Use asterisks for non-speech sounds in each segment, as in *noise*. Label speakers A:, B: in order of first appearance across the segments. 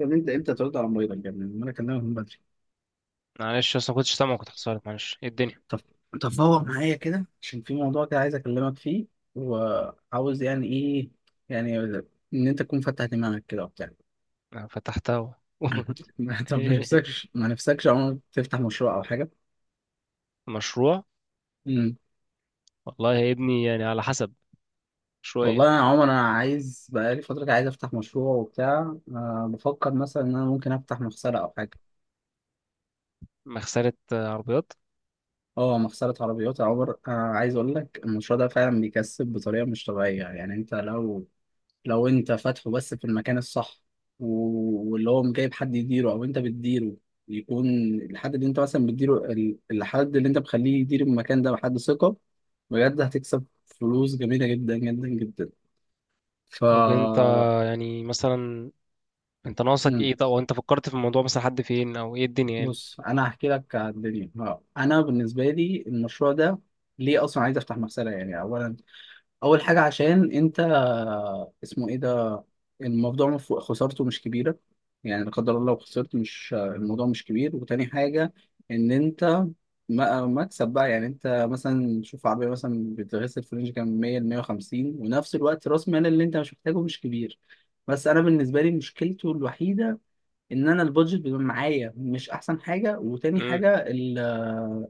A: يا ابني، انت امتى ترد على مريضك؟ يا ابني لما انا اكلمك من بدري.
B: معلش، اصلا ما كنتش سامع، كنت حصلت، معلش. ايه الدنيا؟
A: طب، هو معايا كده عشان في موضوع كده عايز اكلمك فيه. وعاوز يعني ايه يعني ان انت تكون فتح دماغك كده وبتاع *laughs*
B: أنا فتحتها.
A: طب ما
B: *laughs*
A: نفسكش ما نفسكش عمر تفتح مشروع او حاجه؟
B: مشروع!
A: امم
B: والله يا ابني يعني على حسب. شوية.
A: والله يا عمر انا عايز بقالي فتره كده، عايز افتح مشروع وبتاع، أه بفكر مثلا ان انا ممكن افتح مغسله او حاجه.
B: مغسلة، آه، عربيات.
A: اه، مغسله عربيات يا عمر. أه عايز اقول لك المشروع ده فعلا بيكسب بطريقه مش طبيعيه، يعني انت لو انت فاتحه بس في المكان الصح، واللي هو جايب حد يديره او انت بتديره، يكون الحد اللي انت مثلا بتديره، الحد اللي انت مخليه يدير المكان ده بحد ثقة، بجد هتكسب فلوس جميلة جدا جدا جدا. ف
B: طب انت، يعني مثلا انت ناقصك
A: مم.
B: ايه؟ طب وانت فكرت في الموضوع، مثلا حد فين او ايه الدنيا يعني؟
A: بص انا هحكي لك على الدنيا. اه، انا بالنسبة لي المشروع ده ليه اصلا عايز افتح مغسلة؟ يعني اولا اول حاجة عشان انت، اسمه ايه ده، الموضوع خسارته مش كبيرة، يعني لا قدر الله لو خسرت مش الموضوع مش كبير. وتاني حاجة، إن أنت مكسب بقى، يعني أنت مثلا شوف عربية مثلا بتغسل في رينج كام، 100 ل 150، ونفس الوقت رأس مال اللي أنت مش محتاجه مش كبير. بس أنا بالنسبة لي مشكلته الوحيدة إن أنا البادجت بيبقى معايا مش أحسن حاجة. وتاني
B: امم
A: حاجة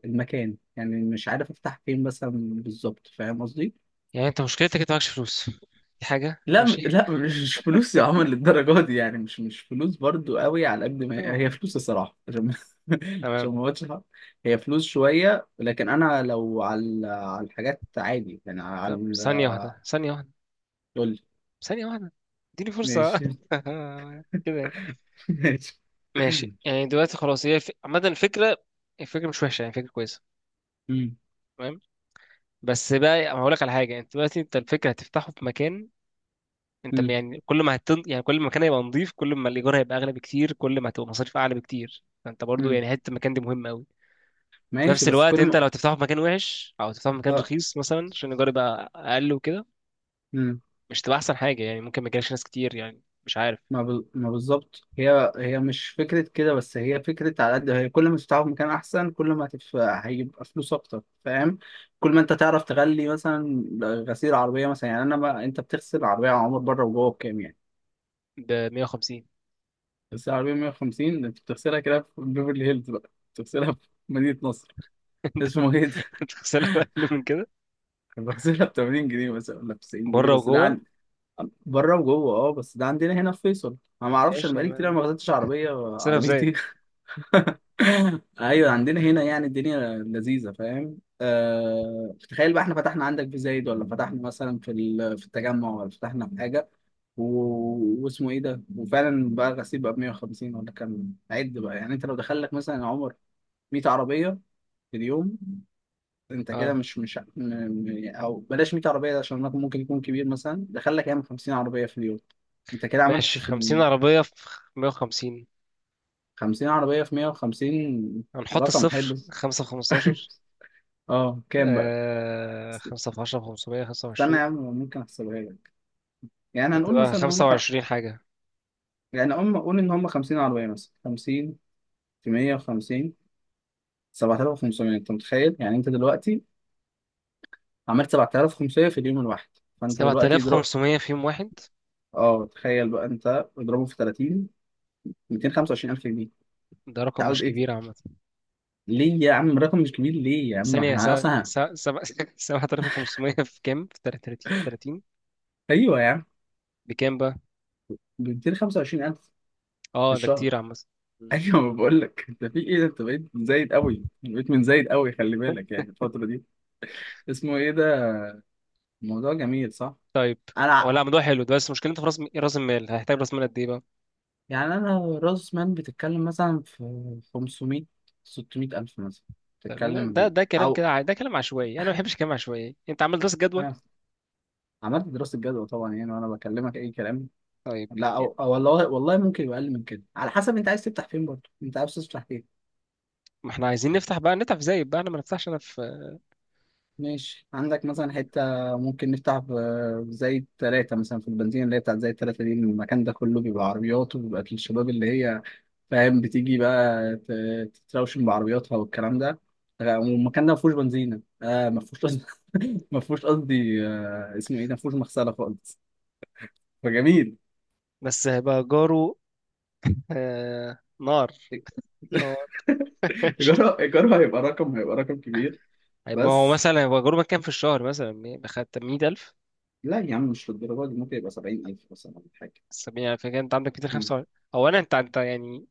A: المكان، يعني مش عارف أفتح فين مثلا. بالظبط، فاهم قصدي؟
B: يعني انت مشكلتك انت معكش فلوس، دي حاجة
A: لا
B: ماشي.
A: لا، مش فلوس يا عمر للدرجه دي، يعني مش فلوس برضو قوي، على قد ما هي
B: أهو.
A: هي فلوس الصراحه، عشان *laughs* عشان
B: تمام.
A: ما اقولش حق. هي فلوس شويه، لكن انا لو على الحاجات عادي يعني على،
B: طب، ثانية واحدة، ثانية واحدة،
A: قول لي.
B: ثانية واحدة، اديني فرصة *laughs*
A: ماشي
B: كده يعني.
A: *laughs* ماشي.
B: ماشي. يعني دلوقتي خلاص، هي عامة الفكرة، الفكرة مش وحشة يعني، فكرة كويسة.
A: مم.
B: تمام. بس بقى هقول لك على حاجه. انت دلوقتي الفكره هتفتحه في مكان. انت
A: مم.
B: يعني كل ما يعني كل ما المكان هيبقى نظيف، كل ما الايجار هيبقى اغلى بكتير، كل ما هتبقى مصاريف اعلى بكتير، فانت برضو
A: مم.
B: يعني حته المكان دي مهمه قوي. في
A: ماشي،
B: نفس
A: بس
B: الوقت،
A: كل
B: انت
A: ما،
B: لو تفتحه في مكان وحش، او تفتحه في مكان رخيص مثلا عشان الايجار يبقى اقل وكده،
A: اه،
B: مش تبقى احسن حاجه يعني. ممكن ما يجيلكش ناس كتير يعني، مش عارف.
A: ما بالظبط، هي هي مش فكرة كده، بس هي فكرة على قد هي، كل ما تفتحه في مكان أحسن كل ما هيبقى فلوس أكتر، فاهم؟ كل ما أنت تعرف تغلي مثلا غسيل عربية مثلا، يعني أنا، ما أنت بتغسل عربية يا عمر بره وجوه بكام يعني؟
B: ب 150.
A: غسيل عربية 150، ده أنت بتغسلها كده في بيفرلي هيلز، بقى بتغسلها في مدينة نصر. اسمه إيه ده؟
B: *laughs* تغسلها اقل من كده،
A: *laughs* بغسلها ب 80 جنيه مثلا ولا ب 90 جنيه،
B: بره
A: بس ده
B: وجوه.
A: عن بره وجوه. أه بس ده عندنا هنا في فيصل، أنا ما أعرفش، أنا
B: ماشي، هي
A: بقالي كتير
B: ما-
A: ما غسلتش عربية
B: تغسلها في زيت.
A: عربيتي *laughs* ايوه عندنا هنا، يعني الدنيا لذيذه، فاهم؟ أه، تخيل بقى احنا فتحنا عندك في زايد، ولا فتحنا مثلا في في التجمع، ولا فتحنا في حاجه و، واسمه ايه ده، وفعلا بقى غسيل بقى ب 150 ولا كام، عد بقى، يعني انت لو دخل لك مثلا يا عمر 100 عربيه في اليوم، انت كده
B: اه،
A: مش او بلاش 100 عربيه ده عشان رقم ممكن يكون كبير، مثلا دخل لك يعني 50 عربيه في اليوم، انت كده عملت
B: ماشي.
A: في
B: 50 عربيه في 150،
A: 50 عربيه في 150،
B: هنحط
A: رقم حلو
B: الصفر. خمسة في
A: *laughs*
B: خمستاشر.
A: اه كام بقى؟
B: آه، خمسة في عشرة في 500، خمسة
A: استنى يا
B: وعشرين
A: عم، ممكن احسبها لك. يعني هنقول
B: هتبقى
A: مثلا ان
B: خمسة
A: هم
B: وعشرين حاجة.
A: يعني هم، قول ان هم 50 عربيه مثلا، 50 في 150، 7,500، انت متخيل؟ يعني انت دلوقتي عملت 7,500 في اليوم الواحد، فانت
B: سبعة
A: دلوقتي
B: آلاف
A: اضرب.
B: خمسمية في يوم واحد.
A: اه تخيل بقى انت، اضربه في 30، 225,000 جنيه. انت
B: ده رقم
A: عاوز
B: مش
A: ايه؟
B: كبير عامة.
A: ليه يا عم رقم مش كبير؟ ليه يا عم
B: ثانية س-
A: احنا اصلا
B: سبعة، *laughs* سبعة آلاف خمسمية في كام؟ في تلاتين، تلاتين.
A: ايوه يا عم
B: بكام بقى؟
A: ب 225,000 في
B: اه ده
A: الشهر
B: كتير عامة.
A: *laughs*
B: م.
A: ايوه ما بقول لك انت، في ايه ده، انت بقيت زايد قوي، بقيت من زايد قوي، خلي بالك يعني الفتره دي. اسمه ايه ده، الموضوع جميل صح؟
B: طيب. هو
A: أنا،
B: لا موضوع حلو ده، بس مشكلته في راس المال، هيحتاج راس مال قد ايه بقى؟
A: يعني أنا راس مال بتتكلم مثلا في 500 600 ألف مثلا،
B: طيب يعني ده
A: بتتكلم،
B: ده كلام كده،
A: أو
B: ده كلام عشوائي. انا ما بحبش الكلام العشوائي. انت عملت دراسة جدوى؟
A: آه. عملت دراسة جدوى طبعا، يعني وأنا بكلمك أي كلام؟
B: طيب،
A: لا، أو والله ممكن يبقى أقل من كده على حسب أنت عايز تفتح فين برضه، أنت عايز تفتح إيه؟
B: ما احنا عايزين نفتح بقى، نفتح في زايد بقى. انا ما نفتحش انا في.
A: ماشي، عندك مثلا حتة ممكن نفتح زي ثلاثة مثلا في البنزينة اللي هي بتاعت زي الثلاثة دي، المكان ده كله بيبقى عربيات، وبيبقى الشباب اللي هي، فاهم، بتيجي بقى تتروشن بعربياتها والكلام ده، آه. والمكان ده ما فيهوش بنزينة، آه ما فيهوش قصدي *laughs* ما فيهوش قصدي آه اسمه ايه ده، ما فيهوش مغسلة خالص، فجميل.
B: بس هيبقى جاره. آه، نار، نار. *laughs*
A: إيجاره هيبقى رقم كبير.
B: هيبقى هو
A: بس
B: مثلا هيبقى جاره كام في الشهر؟ مثلا بخد 100000.
A: لا يا عم، مش للدرجة دي، ممكن يبقى 70,000 مثلا ولا حاجة.
B: 70 ألف، كده أنت عندك
A: مم.
B: 205. أولا أنت، يعني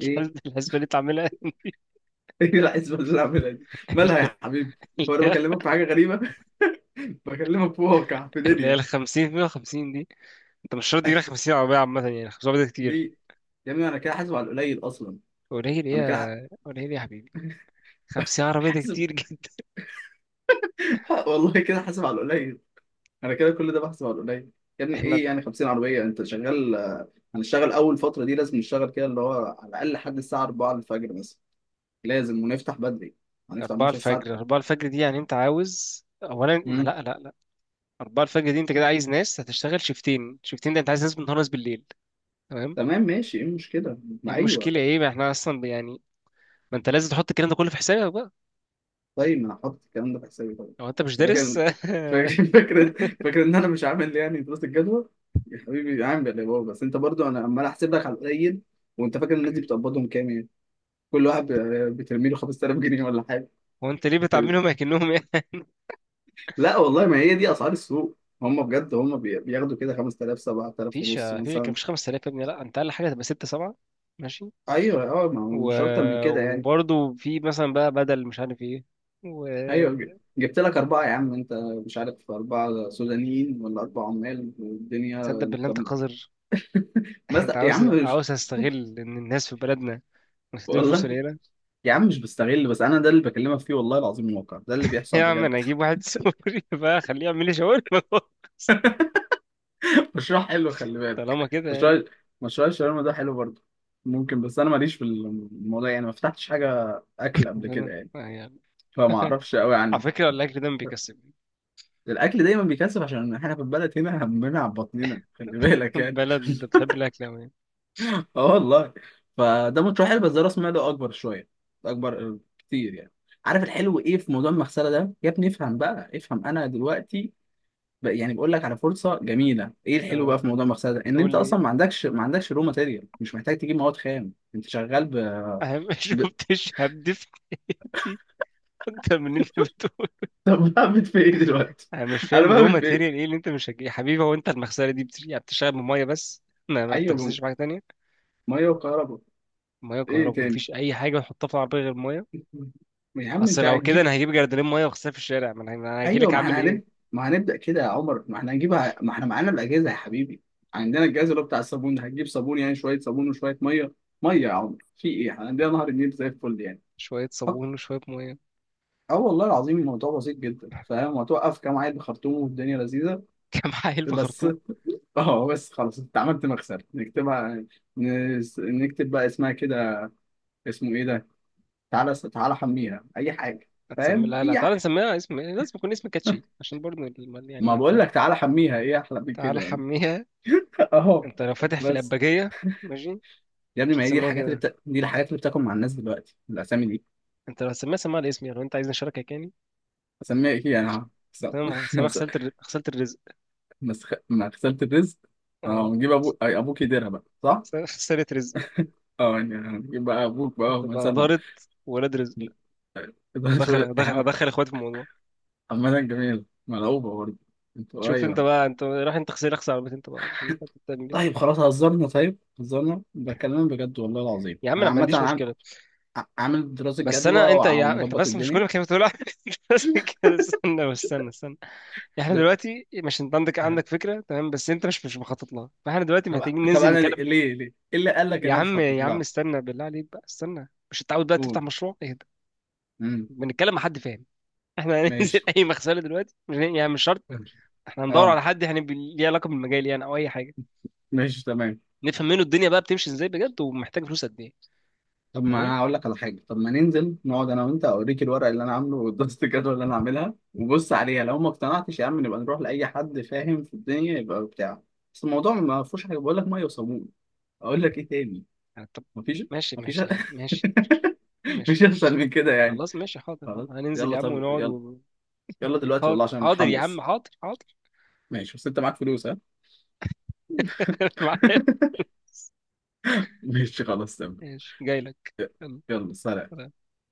A: إيه؟
B: الحسبة اللي أنت عاملها.
A: *laughs* ايه العزبه اللي انا عاملها دي؟ مالها يا
B: *laughs*
A: حبيبي؟ هو انا بكلمك في حاجه غريبه؟ *laughs* بكلمك في واقع، في
B: اللي هي ال
A: دنيا
B: 50، 150 دي، أنت مش شرط
A: *laughs*
B: تجيب
A: أيوة.
B: 50 عربية عامة يعني، 50 عربية ده كتير.
A: ليه؟ يا ابني انا كده حاسب على القليل اصلا،
B: قليل إيه
A: انا كده
B: يا قليل إيه يا حبيبي؟ 50 عربية ده
A: حاسب
B: كتير جدا.
A: *laughs* والله كده حاسب على القليل، انا كده كل ده بحسب على القليل. يا
B: *laughs*
A: ابني
B: إحنا،
A: ايه يعني 50 عربيه، انت شغال *laughs* هنشتغل اول فتره دي لازم نشتغل كده، اللي هو على الاقل لحد الساعه 4 الفجر مثلا، لازم، ونفتح بدري، هنفتح
B: 4
A: مثلا الساعه،
B: الفجر، 4 الفجر دي يعني أنت عاوز، أولا ما
A: مم.
B: لا لا أربعة الفجر دي، أنت كده عايز ناس هتشتغل شيفتين. شيفتين ده أنت عايز ناس بالنهار، ناس بالليل. تمام.
A: تمام، ماشي، ايه المشكله،
B: إيه
A: ما ايوه.
B: المشكلة إيه؟ ما إحنا أصلا يعني ما أنت لازم تحط الكلام ده كله في حسابك بقى.
A: طيب ما انا حاطط الكلام ده في حسابي طبعا.
B: لو أنت مش
A: انت فاكر
B: دارس.
A: فاكر
B: *laughs*
A: فاكر فاكر ان انا مش عامل يعني دراسه الجدوى يا حبيبي؟ عامل يا بابا، بس انت برضو، انا عمال احسب لك على القليل. وانت فاكر الناس دي بتقبضهم كام يعني؟ كل واحد بترمي له 5,000 جنيه ولا حاجه؟
B: هو أنت ليه
A: بترمي.
B: بتعاملهم أكنهم يعني؟
A: لا والله، ما هي دي اسعار السوق، هم بجد هم بياخدوا كده 5,000، 7,000
B: مفيش
A: ونص
B: مفيش كان
A: مثلا.
B: مفيش 5000 يا ابني، لا، أنت أقل حاجة هتبقى ستة سبعة. ماشي.
A: ايوه، اه، ما هو
B: و...
A: مش اكتر من كده يعني.
B: وبرضه في مثلا بقى، بدل مش عارف إيه،
A: ايوه
B: وتصدق.
A: جبت لك اربعه يا عم انت، مش عارف اربعه سودانيين ولا اربع عمال والدنيا
B: بالله
A: طب،
B: أنت قذر! *laughs* أنت
A: مثلا يا
B: عاوز
A: عم.
B: عاوز أستغل إن الناس في بلدنا مستدين فلوس
A: والله
B: قليلة.
A: يا عم مش بستغل، بس انا ده اللي بكلمك فيه، والله العظيم الواقع ده اللي
B: *laughs*
A: بيحصل
B: يا عم أنا
A: بجد.
B: أجيب واحد، *laughs* سوري بقى، أخليه يعمل لي شاورما. *laughs*
A: *laughs* مشروع حلو، خلي
B: طالما
A: بالك،
B: كده يعني.
A: مشروع، مشروع الشاورما ده حلو برضه. ممكن، بس انا ماليش في الموضوع يعني، ما فتحتش حاجه اكل قبل كده
B: بلد
A: يعني،
B: يعني.
A: فما
B: *laughs*
A: اعرفش قوي
B: على
A: عنه.
B: فكرة الأكل ده ما بيكسبني.
A: الاكل دايما بيكسب عشان احنا في البلد هنا *laughs* همنا على بطننا، خلي
B: *laughs*
A: بالك يعني
B: بلد، أنت بتحب الأكل أوي يعني.
A: *laughs* اه والله. فده مشروع حلو، بس ده راس ماله اكبر شويه، اكبر كتير يعني. عارف الحلو ايه في موضوع المغسله ده يا ابني؟ افهم بقى، افهم انا دلوقتي يعني بقول لك على فرصه جميله. ايه الحلو
B: أه
A: بقى في موضوع المغسله ده، ان انت
B: قول لي.
A: اصلا ما عندكش رو ماتيريال، مش محتاج تجيب مواد خام، انت شغال
B: أنا ما *laughs*
A: ب... *laughs*
B: شفتش هبد في حياتي أكتر من اللي أنت بتقول.
A: طب بعمل في ايه دلوقتي،
B: أنا مش
A: انا
B: فاهم، رو
A: بعمل في ايه؟
B: ماتيريال إيه اللي أنت مش هتجيب يا حبيبي؟ هو أنت المغسلة دي يعني بتشتغل بمية بس، ما
A: ايوه
B: بتغسلش بحاجة تانية.
A: ميه وكهرباء.
B: مية
A: ايه
B: وكهرباء.
A: تاني؟
B: مفيش أي حاجة بتحطها في العربية غير مية.
A: *laughs* يا عم
B: أصل
A: انت
B: لو كده
A: هتجيب،
B: أنا هجيب جردلين مية وأغسلها في الشارع. ما أنا،
A: ايوه،
B: هجيلك أعمل إيه.
A: ما هنبدا كده يا عمر، ما احنا هنجيبها، ما احنا معانا الاجهزه يا حبيبي، عندنا الجهاز اللي هو بتاع الصابون ده، هتجيب صابون يعني، شويه صابون وشويه ميه. ميه يا عمر في ايه، احنا عندنا نهر النيل زي الفل يعني.
B: شوية صابون وشوية مية.
A: اه، والله العظيم الموضوع بسيط جدا فاهم، وتوقف كام عيل بخرطوم، والدنيا لذيذه
B: *laughs* كام حايل
A: بس
B: بخرطوم.
A: *laughs* اه بس خلاص انت عملت مكسب، نكتبها، نكتب بقى اسمها كده، اسمه ايه ده، تعالى تعالى حميها اي حاجه،
B: هتسمي
A: فاهم،
B: لها؟ لا
A: اي
B: تعالى
A: حاجة.
B: نسميها اسم، لازم يكون اسم كاتشي عشان برضه
A: ما
B: يعني
A: بقول
B: انت.
A: لك تعالى حميها، ايه احلى من
B: تعالى
A: كده يعني؟
B: حميها.
A: *laughs* اهو،
B: انت لو فاتح في
A: بس
B: الأباجية، ماشي.
A: يا ابني
B: مش
A: ما هي دي
B: هتسميها
A: الحاجات اللي
B: كده،
A: دي الحاجات اللي بتاكل مع الناس دلوقتي، الاسامي دي.
B: انت لو هتسميها سميها على اسمي لو انت عايزني اشاركك يعني.
A: اسميها ايه انا؟
B: تمام،
A: *laughs*
B: سميها غسالة الرزق.
A: مغسله الرزق. اه،
B: اه.
A: نجيب ابوك، يديرها بقى صح؟
B: غسالة رزق.
A: اه، يعني هنجيب بقى ابوك بقى
B: هتبقى
A: مثلا
B: دارت ولاد رزق.
A: *laughs* إدارة الأولاد،
B: هدخل اخواتي في الموضوع.
A: عامة جميل ملعوبة برضه. انتوا،
B: شوف انت
A: أيوه.
B: بقى، انت راح انت، غسيل، اغسل عربيتي انت بقى. شوف انت بتعمل
A: طيب
B: ايه.
A: خلاص هزرنا، طيب هزرنا، بكلمك بجد والله العظيم،
B: يا عم
A: أنا
B: انا ما
A: عامة
B: عنديش مشكله.
A: عامل دراسة
B: بس
A: جدوى،
B: انا، انت يا عم انت،
A: ومظبط
B: بس مش كل
A: الدنيا.
B: ما كلمه تقول *laughs* انت. بس كده، استنى استنى استنى. احنا
A: ده-
B: دلوقتي، مش انت عندك
A: آه.
B: عندك فكره؟ تمام، بس انت مش مخطط لها. فاحنا دلوقتي
A: طب،
B: محتاجين
A: طب
B: ننزل
A: أنا ليه
B: نتكلم.
A: ليه ليه؟ إيه اللي قال لك إن
B: يا
A: أنا مش
B: عم
A: هخطط
B: يا عم
A: لها؟
B: استنى بالله عليك بقى، استنى. مش انت عاوز بقى تفتح
A: قول.
B: مشروع؟ اهدى،
A: مم.
B: بنتكلم مع حد فاهم. احنا هننزل
A: ماشي.
B: *laughs* اي مغسله دلوقتي، مش يعني مش شرط. احنا هندور
A: اه
B: على حد يعني ليه علاقه بالمجال يعني، او اي حاجه.
A: ماشي، تمام.
B: نفهم منه الدنيا بقى بتمشي ازاي بجد، ومحتاج فلوس قد ايه.
A: طب ما
B: تمام.
A: انا هقول لك على حاجه، طب ما ننزل نقعد انا وانت، اوريك الورق اللي انا عامله والدراسه الجدوى اللي انا عاملها، وبص عليها، لو ما اقتنعتش يا عم نبقى نروح لاي حد فاهم في الدنيا يبقى بتاع. بس الموضوع ما فيهوش حاجه، بقول لك ميه وصابون، اقول لك ايه تاني؟
B: يعني طب،
A: مفيش،
B: ماشي
A: مفيش
B: ماشي يا عم، ماشي.
A: *laughs*
B: ماشي،
A: مفيش احسن من كده يعني.
B: خلاص ماشي، حاضر
A: خلاص.
B: حاضر هننزل
A: يلا،
B: يا عم
A: طب
B: ونقعد
A: يلا،
B: و...
A: يلا دلوقتي
B: حاضر
A: والله عشان
B: حاضر يا عم
A: متحمس.
B: حاضر حاضر.
A: ماشي، بس انت معاك فلوس ها؟
B: *laughs* معايا.
A: *laughs* ماشي خلاص تمام.
B: ماشي، جاي لك. يلا،
A: يلا سلام.
B: سلام.